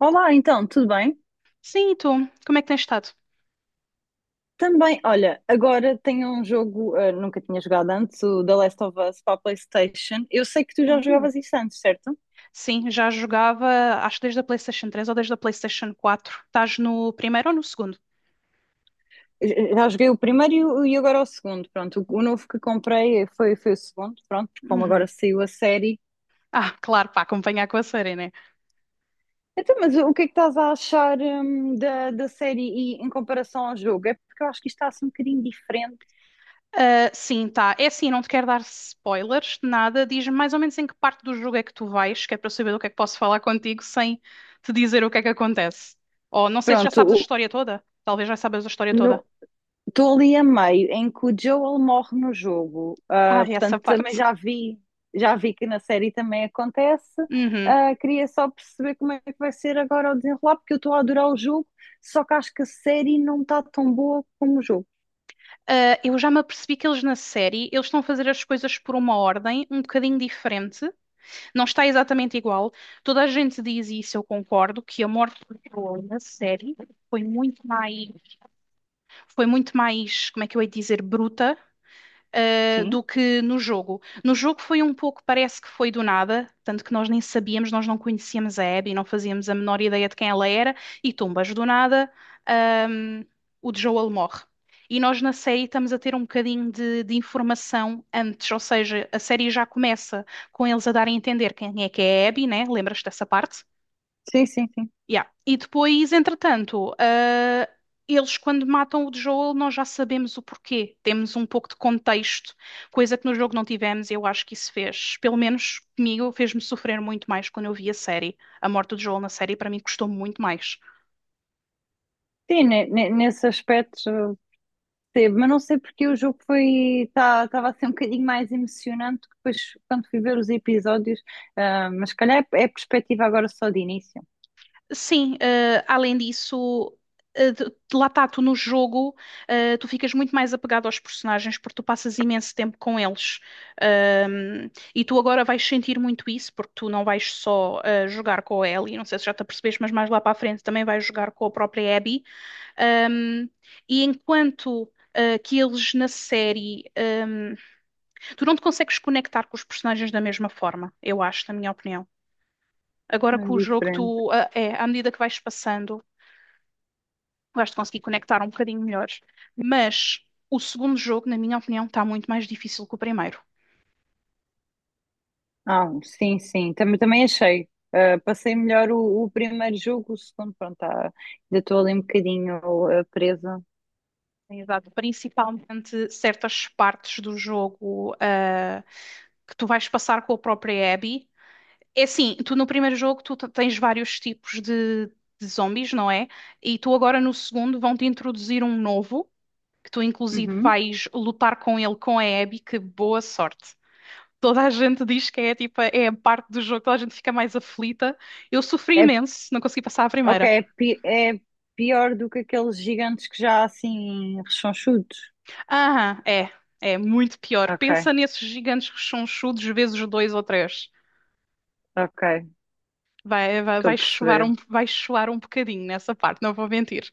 Olá, então, tudo bem? Sim, e tu? Como é que tens estado? Também, olha, agora tenho um jogo, nunca tinha jogado antes, o The Last of Us para a PlayStation. Eu sei que tu já Hum. jogavas isso antes, certo? Sim, já jogava, acho que desde a PlayStation 3 ou desde a PlayStation 4. Estás no primeiro ou no segundo? Já joguei o primeiro e agora o segundo, pronto. O novo que comprei foi o segundo, pronto, porque como Uhum. agora saiu a série. Ah, claro, para acompanhar com a série, né? Então, mas o que é que estás a achar, da série e em comparação ao jogo? É porque eu acho que isto está assim um bocadinho diferente. Ah, sim, tá. É assim, não te quero dar spoilers, de nada. Diz-me mais ou menos em que parte do jogo é que tu vais, que é para eu saber do que é que posso falar contigo sem te dizer o que é que acontece. Ou não sei se já Pronto, sabes a o, história toda. Talvez já sabes a história toda. no- estou ali a meio em que o Joel morre no jogo. Ah, Ah, essa portanto também parte. Já vi que na série também acontece. Uhum. Ah, queria só perceber como é que vai ser agora o desenrolar, porque eu estou a adorar o jogo, só que acho que a série não está tão boa como o jogo. Ah, eu já me apercebi que eles na série, eles estão a fazer as coisas por uma ordem um bocadinho diferente. Não está exatamente igual. Toda a gente diz isso, eu concordo, que a morte do Joel na série foi muito mais, foi muito mais, como é que eu ia dizer, bruta do Sim, que no jogo. No jogo foi um pouco, parece que foi do nada, tanto que nós nem sabíamos, nós não conhecíamos a Abby, não fazíamos a menor ideia de quem ela era, e tumbas do nada, um, o Joel morre. E nós na série estamos a ter um bocadinho de informação antes, ou seja, a série já começa com eles a darem a entender quem é que é a Abby, né? Lembras-te dessa parte? sim, sim, sim. Yeah. E depois, entretanto, ah, eles quando matam o Joel, nós já sabemos o porquê. Temos um pouco de contexto, coisa que no jogo não tivemos, e eu acho que isso fez, pelo menos comigo, fez-me sofrer muito mais quando eu vi a série. A morte do Joel na série, para mim, custou muito mais. Sim, nesse aspecto, ah, teve, mas não sei porque o jogo foi, estava a ser um bocadinho mais emocionante que depois quando fui ver os episódios. Ah, mas se calhar é, é perspectiva agora só de início, Sim, além disso, de lá está, tu no jogo, tu ficas muito mais apegado aos personagens porque tu passas imenso tempo com eles. E tu agora vais sentir muito isso porque tu não vais só jogar com a Ellie, não sei se já te apercebeste, mas mais lá para a frente também vais jogar com a própria Abby. Ahm, e enquanto. Eh, que eles na série, tu não te consegues conectar com os personagens da mesma forma, eu acho, na minha opinião. Agora não é com o jogo, diferente. tu, ah, é, à medida que vais passando. Vais-te conseguir conectar um bocadinho melhores. Mas o segundo jogo, na minha opinião, está muito mais difícil que o primeiro. Ah, sim, sim, também, também achei. Ah, passei melhor o primeiro jogo. O segundo, pronto, tá, ainda estou ali um bocadinho, ah, presa. Tens dado Principalmente certas partes do jogo, ah, que tu vais passar com a própria Abby. É assim, tu no primeiro jogo tens vários tipos de zombies, não é? E tu agora no segundo vão-te introduzir um novo, que tu inclusive Uhum. vais lutar com ele com a Abby, que boa sorte. Toda a gente diz que é tipo, é a parte do jogo, toda a gente fica mais aflita. Eu sofri É, imenso, não consegui passar a ok, primeira. É pior do que aqueles gigantes que já há, assim rechonchudos. Aham, é muito pior. Ok, Pensa nesses gigantes que são chudos vezes dois ou três. ok, Vai, vai, estou a vai chuar um, perceber. vai chuar um bocadinho nessa parte, não vou mentir.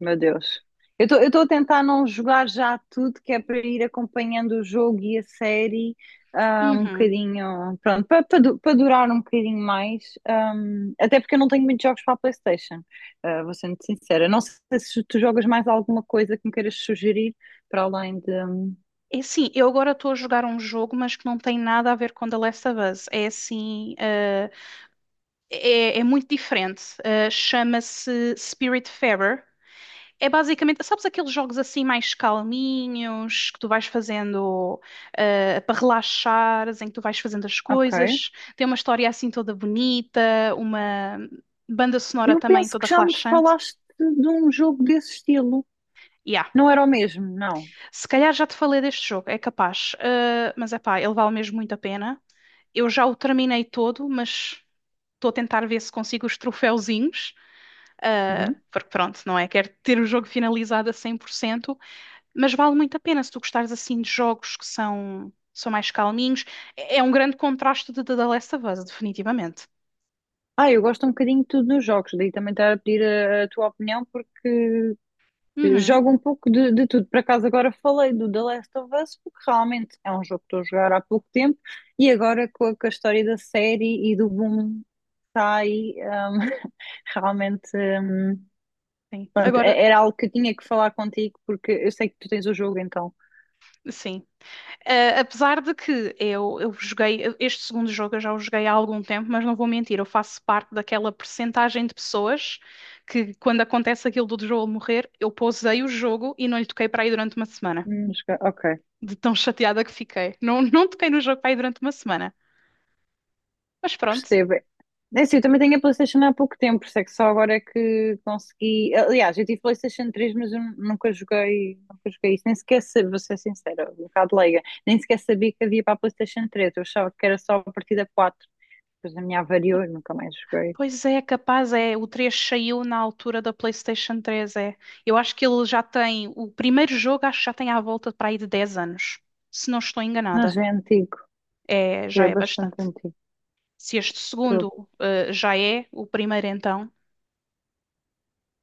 Meu Deus. Eu estou a tentar não jogar já tudo, que é para ir acompanhando o jogo e a série, ah, um Uhum. bocadinho, pronto, para durar um bocadinho mais. Até porque eu não tenho muitos jogos para a PlayStation, ah, vou ser muito sincera. Não sei se tu jogas mais alguma coisa que me queiras sugerir, para além de. É assim, eu agora estou a jogar um jogo, mas que não tem nada a ver com The Last of Us. É assim, ah, é muito diferente. Ah, chama-se Spiritfarer. É basicamente, sabes aqueles jogos assim mais calminhos que tu vais fazendo para relaxares, em que tu vais fazendo as Ok. coisas. Tem uma história assim toda bonita, uma banda sonora Eu também penso toda que já me relaxante. falaste de um jogo desse estilo. Yeah. Não era o mesmo, não. Se calhar já te falei deste jogo, é capaz. Mas é pá, ele vale mesmo muito a pena. Eu já o terminei todo, mas estou a tentar ver se consigo os troféuzinhos. eh, Uhum. porque pronto, não é? Quero ter o jogo finalizado a 100%. Mas vale muito a pena se tu gostares assim de jogos que são mais calminhos. É um grande contraste de The Last of Us, definitivamente. Ah, eu gosto um bocadinho de tudo nos jogos, daí também estar a pedir a tua opinião, porque Uhum, jogo um pouco de tudo. Por acaso agora falei do The Last of Us, porque realmente é um jogo que estou a jogar há pouco tempo e agora com a história da série e do boom que está aí, realmente, sim. pronto, Agora, era algo que eu tinha que falar contigo porque eu sei que tu tens o jogo então. sim. Ah, apesar de que este segundo jogo eu já o joguei há algum tempo, mas não vou mentir, eu faço parte daquela percentagem de pessoas que quando acontece aquilo do Joel morrer, eu pausei o jogo e não lhe toquei para aí durante uma semana. Ok. De tão chateada que fiquei. Não, não toquei no jogo para aí durante uma semana. Mas pronto. Percebo. É assim, eu também tenho a PlayStation há pouco tempo, por isso é que só agora é que consegui. Aliás, eu tive PlayStation três, mas eu nunca joguei, nunca joguei isso. Nem sequer sabia, vou ser sincera, um bocado leiga, nem sequer sabia que havia para a PlayStation três. Eu achava que era só a partida quatro. Depois a minha avariou e nunca mais joguei. Pois é, capaz é. O 3 saiu na altura da PlayStation 3 é. Eu acho que ele já tem. O primeiro jogo acho que já tem à volta para aí de 10 anos. Se não estou Mas enganada. já é antigo, É, já já é é bastante bastante. antigo, Se este estou segundo, já é, o primeiro então.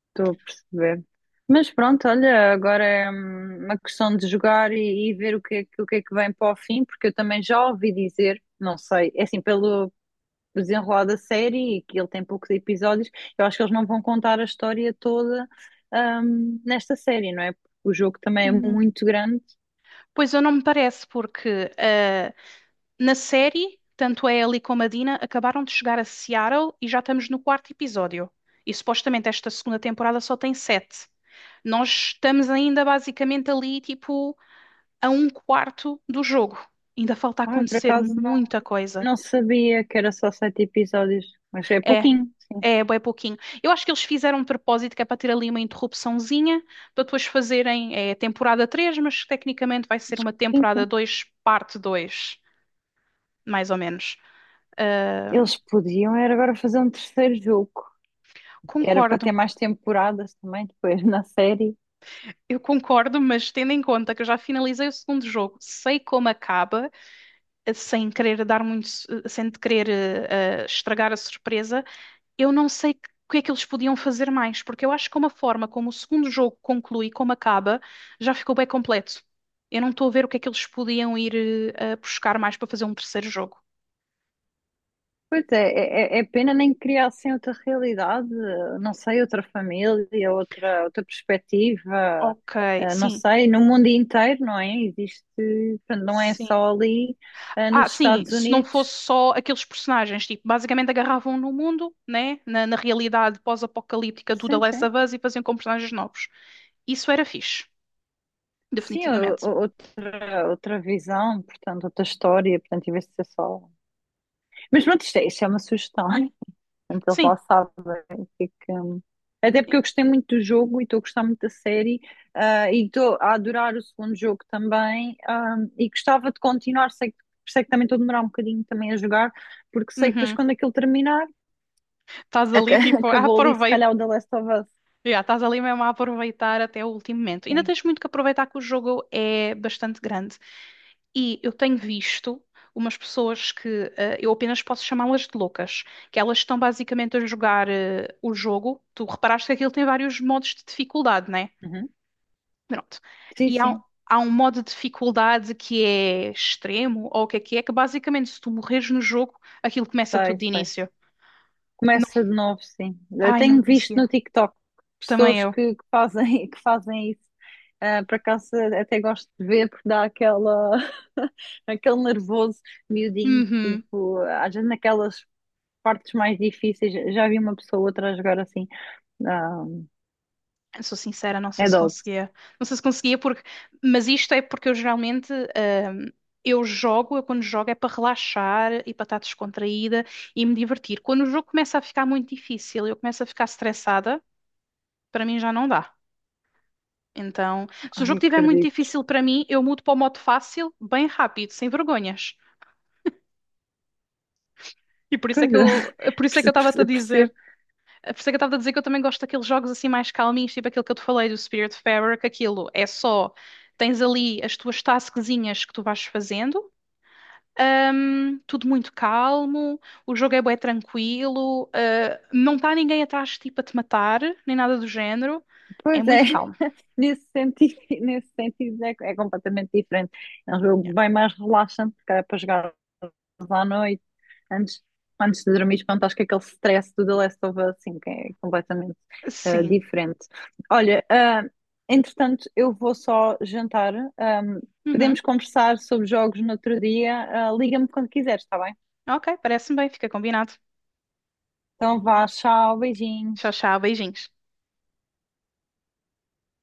estou a perceber. Mas pronto, olha, agora é, uma questão de jogar e ver o que é que vem para o fim, porque eu também já ouvi dizer, não sei, é assim, pelo o desenrolar da série e que ele tem poucos episódios, eu acho que eles não vão contar a história toda, nesta série, não é? Porque o jogo também é Hum, muito grande. Pois eu não me parece, porque na série, tanto a Ellie como a Dina acabaram de chegar a Seattle e já estamos no quarto episódio. E supostamente esta segunda temporada só tem sete. Nós estamos ainda basicamente ali, tipo, a um quarto do jogo. Ainda falta Ai, por acontecer acaso não, muita coisa. não sabia que era só 7 episódios, mas é É, pouquinho, sim. é bem pouquinho. Eu acho que eles fizeram um propósito que é para ter ali uma interrupçãozinha, para depois fazerem temporada 3, mas tecnicamente vai ser uma Sim, temporada sim. dois parte dois mais ou menos. Ah, Eles podiam era agora fazer um terceiro jogo, que era para concordo. ter mais temporadas também depois na série. Eu concordo, mas tendo em conta que eu já finalizei o segundo jogo, sei como acaba, sem querer dar muito, sem querer estragar a surpresa, eu não sei o que é que eles podiam fazer mais, porque eu acho que uma forma como o segundo jogo conclui, como acaba, já ficou bem completo. Eu não estou a ver o que é que eles podiam ir a buscar mais para fazer um terceiro jogo. Pois é, é, é é pena nem criar assim outra realidade, não sei, outra família, outra, outra perspectiva, Ok, eh, não sim, sei, no mundo inteiro, não é? Existe, portanto, não é sim. só ali, eh, Ah, nos sim, Estados se não Unidos. fosse só aqueles personagens, tipo, basicamente agarravam no mundo, né, na realidade pós-apocalíptica do The Sim, Last sim. of Us e faziam com personagens novos. Isso era fixe, Sim, definitivamente. Outra, outra visão, portanto, outra história, portanto, em vez de ser só um. Mas pronto, isto é uma sugestão. Portanto, eles Sim. lá sabem o que é que. Até porque eu gostei muito do jogo e estou a gostar muito da série, ah, e estou a adorar o segundo jogo também, ah, e gostava de continuar, sei que também estou a demorar um bocadinho também a jogar, porque sei que depois Uhum. quando aquilo terminar, Estás ali, tipo, acabou ali se aproveita. calhar o The Last of Us. Já estás ali mesmo a aproveitar até o último momento. Ainda Sim. tens muito que aproveitar que o jogo é bastante grande. E eu tenho visto umas pessoas que eu apenas posso chamá-las de loucas, que elas estão basicamente a jogar o jogo. Tu reparaste que aquilo tem vários modos de dificuldade, né? Uhum. Pronto. Sim, E sim. há um modo de dificuldade que é extremo, ou o que é que é, que basicamente se tu morres no jogo, aquilo começa tudo Sei, de sei. início. Não. Começa de novo, sim. Eu Ai, não tenho visto conseguia. no TikTok Também pessoas eu. Que fazem, que fazem isso. Ah, por acaso até gosto de ver porque dá aquela, aquele nervoso miudinho, Uhum. tipo, às vezes naquelas partes mais difíceis. Já vi uma pessoa ou outra a jogar assim. Ah, Eu sou sincera, não sei é se dose. conseguia. Não sei se conseguia porque. Mas isto é porque eu geralmente, eu quando jogo é para relaxar e para estar descontraída e me divertir. Quando o jogo começa a ficar muito difícil, eu começo a ficar estressada, para mim já não dá. Então, se o jogo Ai, estiver muito acredito. difícil para mim, eu mudo para o modo fácil, bem rápido, sem vergonhas. E por isso é Pois que é, eu, por isso é que eu estava-te a dizer percebo. Por isso é que eu estava a dizer que eu também gosto daqueles jogos assim mais calminhos, tipo aquele que eu te falei do Spiritfarer, que aquilo é só, tens ali as tuas tasquezinhas que tu vais fazendo, tudo muito calmo, o jogo é bué tranquilo, ah, não está ninguém atrás tipo a te matar, nem nada do género, é Pois é, muito calmo. nesse sentido, nesse sentido é, é completamente diferente. É um Yeah. jogo bem mais relaxante, porque é para jogar à noite, antes, antes de dormir, pronto, acho que aquele stress do The Last of Us, assim, que é completamente, eh, Sim. diferente. Olha, ah, entretanto, eu vou só jantar. Podemos Uhum. conversar sobre jogos no outro dia. Ah, liga-me quando quiseres, está bem? Ok, parece-me bem, fica combinado. Então vá, tchau, Tchau, beijinhos. tchau, beijinhos.